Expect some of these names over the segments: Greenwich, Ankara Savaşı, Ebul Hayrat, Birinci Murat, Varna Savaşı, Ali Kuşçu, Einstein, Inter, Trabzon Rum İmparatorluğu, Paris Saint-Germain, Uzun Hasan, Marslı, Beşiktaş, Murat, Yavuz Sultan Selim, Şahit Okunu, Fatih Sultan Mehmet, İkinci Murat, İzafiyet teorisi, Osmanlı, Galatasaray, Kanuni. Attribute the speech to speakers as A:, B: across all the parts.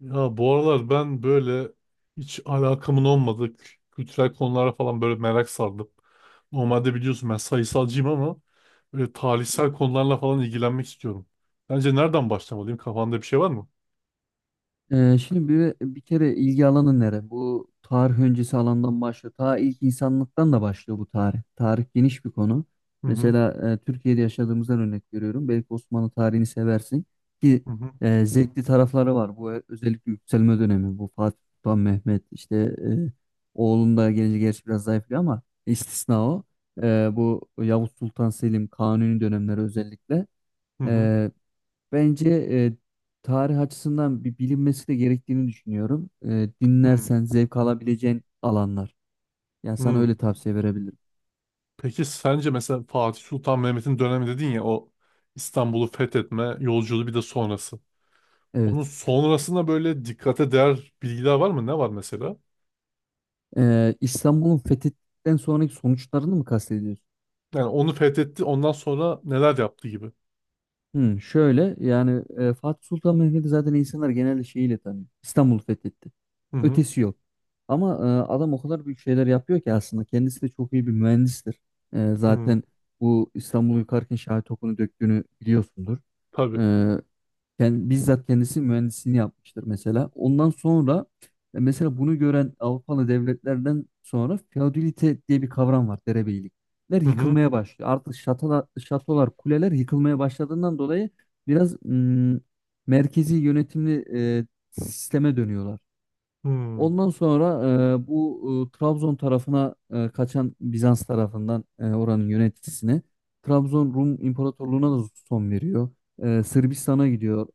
A: Ya bu aralar ben böyle hiç alakamın olmadığı kültürel konulara falan böyle merak sardım. Normalde biliyorsun ben sayısalcıyım ama böyle tarihsel konularla falan ilgilenmek istiyorum. Bence nereden başlamalıyım? Kafanda bir şey var mı?
B: Şimdi bir kere ilgi alanı nere? Bu tarih öncesi alandan başlıyor. Ta ilk insanlıktan da başlıyor bu tarih. Tarih geniş bir konu.
A: Hı hı
B: Mesela Türkiye'de yaşadığımızdan örnek veriyorum. Belki Osmanlı tarihini seversin ki
A: hı hı
B: zevkli tarafları var. Bu özellikle yükselme dönemi. Bu Fatih Sultan Mehmet işte oğlun da gelince gerçi biraz zayıflıyor ama istisna o. Bu Yavuz Sultan Selim Kanuni dönemleri özellikle.
A: hı hı
B: Bence tarih açısından bir bilinmesi de gerektiğini düşünüyorum. E,
A: hı.
B: dinlersen zevk alabileceğin alanlar. Yani sana
A: Hı.
B: öyle tavsiye verebilirim.
A: Peki sence mesela Fatih Sultan Mehmet'in dönemi dedin ya o İstanbul'u fethetme yolculuğu bir de sonrası.
B: Evet.
A: Onun sonrasında böyle dikkate değer bilgiler var mı? Ne var mesela?
B: İstanbul'un fethinden sonraki sonuçlarını mı kastediyorsun?
A: Yani onu fethetti ondan sonra neler yaptı gibi.
B: Şöyle yani Fatih Sultan Mehmet'i zaten insanlar genelde şeyiyle tanıyor. İstanbul fethetti.
A: Hı hı.
B: Ötesi yok. Ama adam o kadar büyük şeyler yapıyor ki aslında kendisi de çok iyi bir mühendistir. E,
A: Hı.
B: zaten bu İstanbul'u yıkarken Şahit Okunu döktüğünü biliyorsundur. E,
A: Tabii.
B: bizzat kendisi mühendisliğini yapmıştır mesela. Ondan sonra mesela bunu gören Avrupalı devletlerden sonra feodalite diye bir kavram var, derebeylikler
A: Hı hı.
B: yıkılmaya başlıyor. Artık şatolar, şatolar, kuleler yıkılmaya başladığından dolayı biraz merkezi yönetimli e, sisteme dönüyorlar.
A: Hı.
B: Ondan sonra bu Trabzon tarafına kaçan Bizans tarafından oranın yöneticisine Trabzon Rum İmparatorluğu'na da son veriyor. Sırbistan'a gidiyor.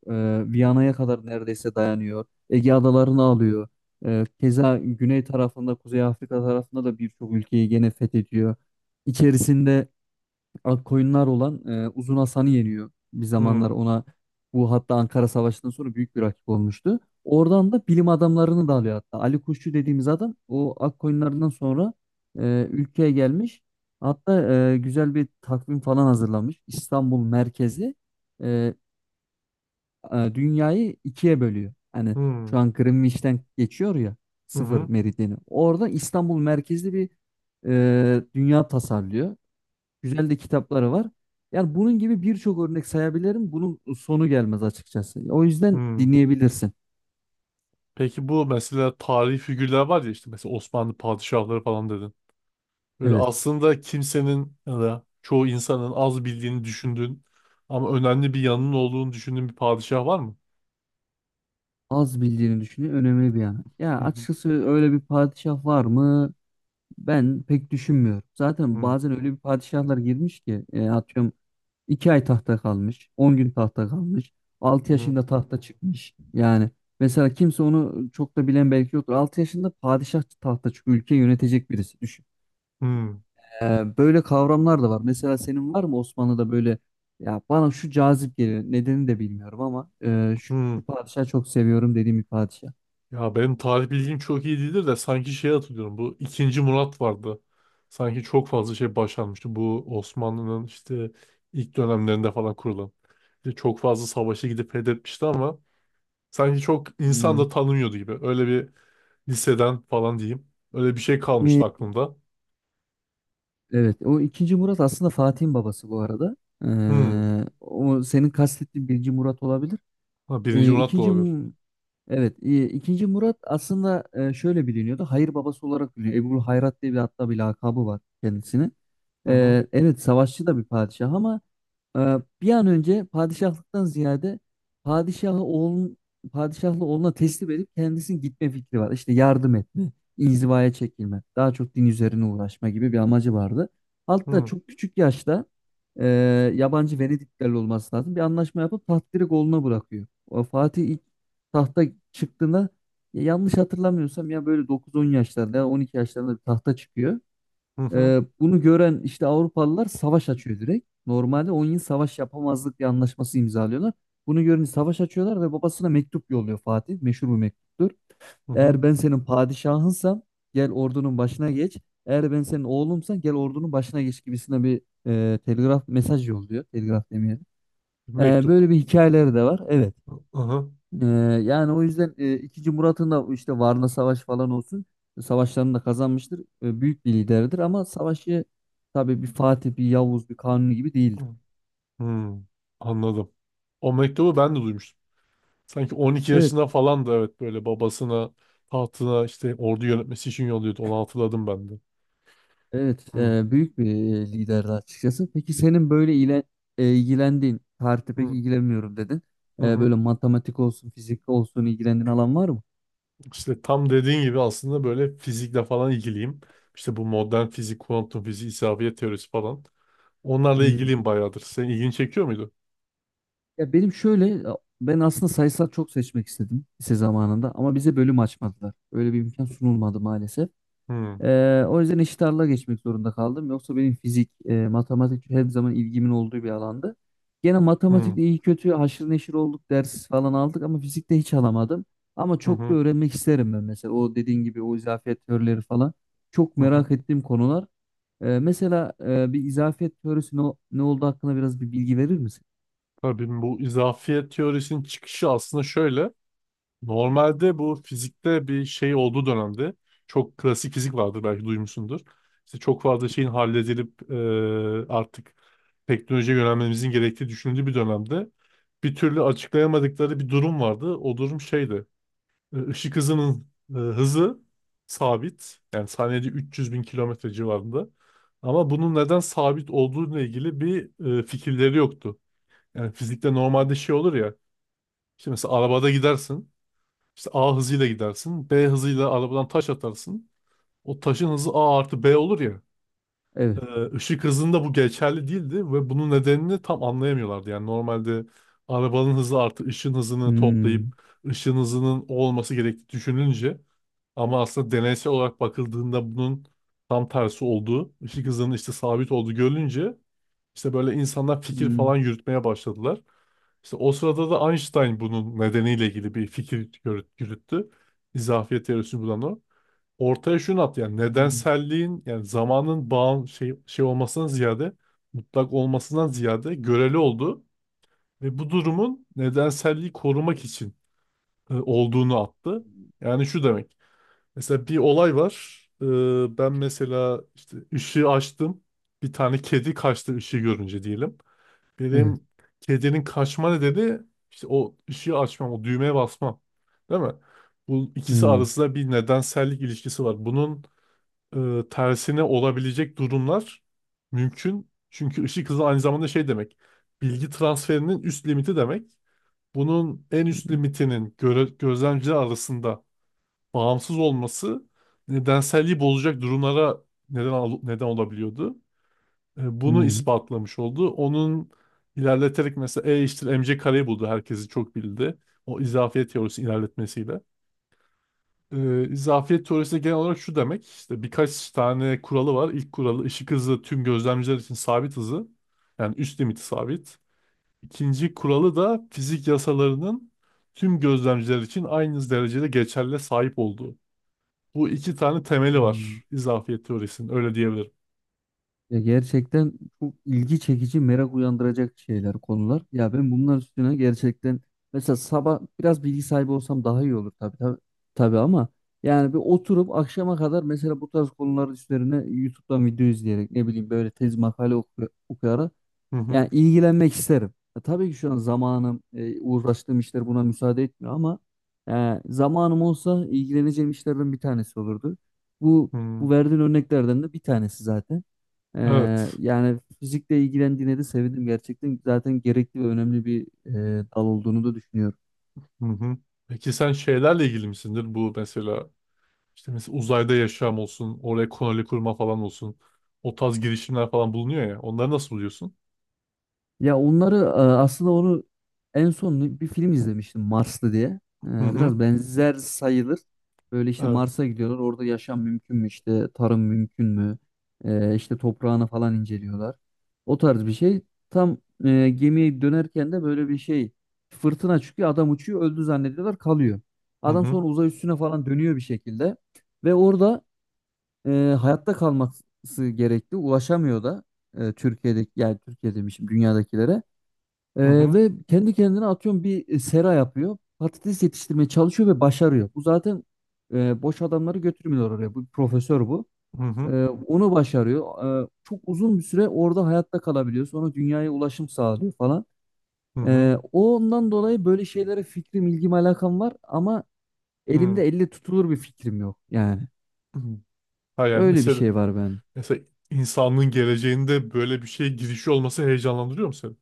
B: Viyana'ya kadar neredeyse dayanıyor. Ege adalarını alıyor. Keza güney tarafında, Kuzey Afrika tarafında da birçok ülkeyi gene fethediyor. İçerisinde ak koyunlar olan Uzun Hasan'ı yeniyor. Bir zamanlar
A: Hı.
B: ona bu, hatta Ankara Savaşı'ndan sonra büyük bir rakip olmuştu. Oradan da bilim adamlarını da alıyor hatta. Ali Kuşçu dediğimiz adam o ak koyunlarından sonra ülkeye gelmiş. Hatta güzel bir takvim falan hazırlamış. İstanbul merkezi e, dünyayı ikiye bölüyor. Hani
A: Hı.
B: şu an Greenwich'ten geçiyor ya
A: Hı
B: sıfır
A: hı.
B: meridyeni. Orada İstanbul merkezli bir dünya tasarlıyor. Güzel de kitapları var. Yani bunun gibi birçok örnek sayabilirim. Bunun sonu gelmez açıkçası. O yüzden
A: Hı.
B: dinleyebilirsin.
A: Peki bu mesela tarihi figürler var ya işte mesela Osmanlı padişahları falan dedin. Böyle
B: Evet.
A: aslında kimsenin ya da çoğu insanın az bildiğini düşündüğün ama önemli bir yanının olduğunu düşündüğün bir padişah var mı?
B: Az bildiğini düşünüyor. Önemli bir yana. Ya
A: Hı hı.
B: açıkçası öyle bir padişah var mı? Ben pek düşünmüyorum. Zaten
A: Hı
B: bazen öyle bir padişahlar girmiş ki atıyorum 2 ay tahta kalmış, 10 gün tahta kalmış, altı
A: hı.
B: yaşında tahta çıkmış. Yani mesela kimse onu çok da bilen belki yoktur. 6 yaşında padişah tahta çıkıyor. Ülke yönetecek birisi.
A: Hı
B: Böyle kavramlar da var. Mesela senin var mı Osmanlı'da böyle, ya bana şu cazip geliyor. Nedenini de bilmiyorum ama şu
A: hı.
B: padişahı çok seviyorum dediğim bir padişah.
A: Ya benim tarih bilgim çok iyi değildir de sanki şey hatırlıyorum. Bu ikinci Murat vardı. Sanki çok fazla şey başarmıştı. Bu Osmanlı'nın işte ilk dönemlerinde falan kurulan. İşte çok fazla savaşa gidip fethetmişti ama sanki çok insan da
B: Hmm.
A: tanımıyordu gibi. Öyle bir liseden falan diyeyim. Öyle bir şey
B: Ee,
A: kalmıştı aklımda.
B: Evet, o ikinci Murat aslında Fatih'in babası bu arada.
A: Hmm.
B: O senin kastettiğin birinci Murat olabilir.
A: Ha, birinci Murat da
B: İkinci
A: olabilir.
B: Evet, e, ikinci Murat aslında şöyle biliniyordu. Hayır babası olarak biliniyor. Ebul Hayrat diye hatta bir lakabı var kendisine.
A: Hı hı.
B: Evet, savaşçı da bir padişah ama e, bir an önce padişahlıktan ziyade padişahı oğlun padişahlı oğluna teslim edip kendisinin gitme fikri var. İşte yardım etme, inzivaya çekilme, daha çok din üzerine uğraşma gibi bir amacı vardı.
A: Hı
B: Hatta
A: hı.
B: çok küçük yaşta e, yabancı Venediklerle olması lazım. Bir anlaşma yapıp taht direkt oğluna bırakıyor. O Fatih tahta çıktığında ya yanlış hatırlamıyorsam ya böyle 9-10 yaşlarında ya 12 yaşlarında bir tahta çıkıyor.
A: Hı
B: Bunu gören işte Avrupalılar savaş açıyor direkt. Normalde 10 yıl savaş yapamazlık bir anlaşması imzalıyorlar. Bunu görünce savaş açıyorlar ve babasına mektup yolluyor Fatih. Meşhur bir mektuptur.
A: hı. Hı.
B: Eğer ben senin padişahınsam gel ordunun başına geç. Eğer ben senin oğlumsan gel ordunun başına geç gibisine bir telgraf mesaj yolluyor. Telgraf demeyelim. Ee,
A: Mektup.
B: böyle bir hikayeleri de var. Evet.
A: Hı hı.
B: Ee, yani o yüzden ikinci Murat'ın da işte Varna Savaşı falan olsun savaşlarını da kazanmıştır. Büyük bir liderdir ama savaşı tabii bir Fatih, bir Yavuz, bir Kanuni gibi değildir.
A: Hı. Anladım. O mektubu ben de duymuştum. Sanki 12
B: Evet,
A: yaşında falan da evet böyle babasına tahtına işte ordu yönetmesi için yolluyordu. Onu hatırladım ben de.
B: evet
A: Hı,
B: büyük bir liderdi açıkçası. Peki senin böyle ilgilendiğin, tarihte pek
A: hı,
B: ilgilenmiyorum dedin.
A: hı,
B: E,
A: hı.
B: böyle matematik olsun, fizik olsun ilgilendiğin alan var mı?
A: İşte tam dediğin gibi aslında böyle fizikle falan ilgiliyim. İşte bu modern fizik, kuantum fiziği, isabet teorisi falan. Onlarla
B: Hmm.
A: ilgiliyim bayağıdır. Senin ilgini çekiyor muydu?
B: Ya benim şöyle ben aslında sayısal çok seçmek istedim lise zamanında ama bize bölüm açmadılar. Öyle bir imkan sunulmadı maalesef.
A: Hı,
B: O yüzden eşit ağırlığa geçmek zorunda kaldım. Yoksa benim fizik, matematik her zaman ilgimin olduğu bir alandı. Gene
A: hı,
B: matematikte iyi kötü haşır neşir olduk, ders falan aldık ama fizikte hiç alamadım. Ama
A: hı,
B: çok da
A: hı,
B: öğrenmek isterim ben mesela. O dediğin gibi o izafiyet teorileri falan. Çok
A: hı. Hı.
B: merak ettiğim konular. Mesela bir izafiyet teorisi ne olduğu hakkında biraz bir bilgi verir misin?
A: Tabii bu izafiyet teorisinin çıkışı aslında şöyle. Normalde bu fizikte bir şey olduğu dönemde çok klasik fizik vardır belki duymuşsundur. İşte çok fazla şeyin halledilip artık teknolojiye yönelmemizin gerektiği düşünüldüğü bir dönemde bir türlü açıklayamadıkları bir durum vardı. O durum şeydi. Işık hızının hızı sabit. Yani saniyede 300 bin kilometre civarında. Ama bunun neden sabit olduğuyla ilgili bir fikirleri yoktu. Yani fizikte normalde şey olur ya. İşte mesela arabada gidersin. İşte A hızıyla gidersin. B hızıyla arabadan taş atarsın. O taşın hızı A artı B olur ya.
B: Evet.
A: Ee, ışık hızında bu geçerli değildi ve bunun nedenini tam anlayamıyorlardı. Yani normalde arabanın hızı artı ışın hızını toplayıp
B: Hmm.
A: ışın hızının o olması gerektiği düşünülünce ama aslında deneysel olarak bakıldığında bunun tam tersi olduğu, ışık hızının işte sabit olduğu görülünce işte böyle insanlar fikir
B: Hmm.
A: falan yürütmeye başladılar. İşte o sırada da Einstein bunun nedeniyle ilgili bir fikir yürüttü. İzafiyet teorisini bulan o. Ortaya şunu attı yani
B: Hmm.
A: nedenselliğin yani zamanın şey olmasından ziyade mutlak olmasından ziyade göreli oldu ve bu durumun nedenselliği korumak için olduğunu attı. Yani şu demek. Mesela bir olay var. Ben mesela işte ışığı açtım. Bir tane kedi kaçtı ışığı görünce diyelim.
B: Evet.
A: Benim kedinin kaçma nedeni işte o ışığı açmam, o düğmeye basmam. Değil mi? Bu ikisi
B: Hmm.
A: arasında bir nedensellik ilişkisi var. Bunun tersine olabilecek durumlar mümkün. Çünkü ışık hızı aynı zamanda şey demek. Bilgi transferinin üst limiti demek. Bunun en üst limitinin gözlemciler arasında bağımsız olması nedenselliği bozacak durumlara neden olabiliyordu. Bunu
B: Hmm.
A: ispatlamış oldu. Onun ilerleterek mesela E eşittir mc kareyi buldu. Herkesi çok bildi. O izafiyet teorisi ilerletmesiyle. E, izafiyet teorisi de genel olarak şu demek. İşte birkaç tane kuralı var. İlk kuralı ışık hızı tüm gözlemciler için sabit hızı. Yani üst limiti sabit. İkinci kuralı da fizik yasalarının tüm gözlemciler için aynı derecede geçerli sahip olduğu. Bu iki tane temeli
B: Hmm.
A: var izafiyet teorisinin. Öyle diyebilirim.
B: Ya gerçekten çok ilgi çekici, merak uyandıracak şeyler, konular. Ya ben bunlar üstüne gerçekten mesela sabah biraz bilgi sahibi olsam daha iyi olur, tabii tabii, tabii ama yani bir oturup akşama kadar mesela bu tarz konular üzerine YouTube'dan video izleyerek ne bileyim böyle tez makale okuyarak
A: Hı hı.
B: yani ilgilenmek isterim. Ya tabii ki şu an zamanım, uğraştığım işler buna müsaade etmiyor ama zamanım olsa ilgileneceğim işlerden bir tanesi olurdu. Bu
A: Hı.
B: bu verdiğin örneklerden de bir tanesi zaten. Ee,
A: Evet.
B: yani fizikle ilgilendiğine de sevindim gerçekten. Zaten gerekli ve önemli bir dal olduğunu da düşünüyorum.
A: Hı hı. Peki sen şeylerle ilgili misindir? Bu mesela işte mesela uzayda yaşam olsun, oraya koloni kurma falan olsun. O tarz girişimler falan bulunuyor ya. Onları nasıl buluyorsun?
B: Ya onları aslında onu en son bir film izlemiştim Marslı diye. E,
A: Hı hı.
B: Biraz benzer sayılır. Böyle işte
A: Evet.
B: Mars'a gidiyorlar. Orada yaşam mümkün mü, işte tarım mümkün mü? İşte toprağını falan inceliyorlar. O tarz bir şey. Tam gemiye dönerken de böyle bir şey, fırtına çıkıyor. Adam uçuyor, öldü zannediyorlar kalıyor.
A: Hı
B: Adam
A: hı.
B: sonra uzay üstüne falan dönüyor bir şekilde. Ve orada e, hayatta kalması gerekli. Ulaşamıyor da Türkiye'deki, yani Türkiye demişim, dünyadakilere.
A: Hı
B: Ee,
A: hı.
B: ve kendi kendine atıyorum bir sera yapıyor. Patates yetiştirmeye çalışıyor ve başarıyor. Bu zaten boş adamları götürmüyor oraya. Bu bir profesör bu.
A: Hı hı.
B: Onu başarıyor. Çok uzun bir süre orada hayatta kalabiliyor. Sonra dünyaya ulaşım sağlıyor falan.
A: Hı hı.
B: Ondan dolayı böyle şeylere fikrim, ilgim, alakam var ama
A: Hı
B: elimde elle tutulur bir fikrim yok. Yani
A: hı. Ha yani
B: öyle bir
A: mesela
B: şey var bende.
A: mesela insanlığın geleceğinde böyle bir şeye girişi olması heyecanlandırıyor mu seni?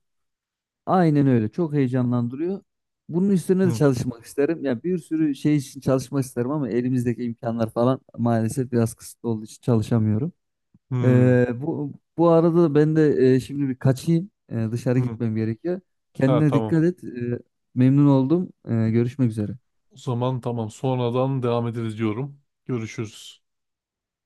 B: Aynen öyle. Çok heyecanlandırıyor. Bunun üstüne de
A: Hı.
B: çalışmak isterim. Ya bir sürü şey için çalışmak isterim ama elimizdeki imkanlar falan maalesef biraz kısıtlı olduğu için çalışamıyorum.
A: Hı.
B: Bu arada da ben de şimdi bir kaçayım. Dışarı
A: Hı.
B: gitmem gerekiyor.
A: Ha
B: Kendine
A: tamam.
B: dikkat et. Memnun oldum. Görüşmek üzere.
A: O zaman tamam. Sonradan devam ederiz diyorum. Görüşürüz.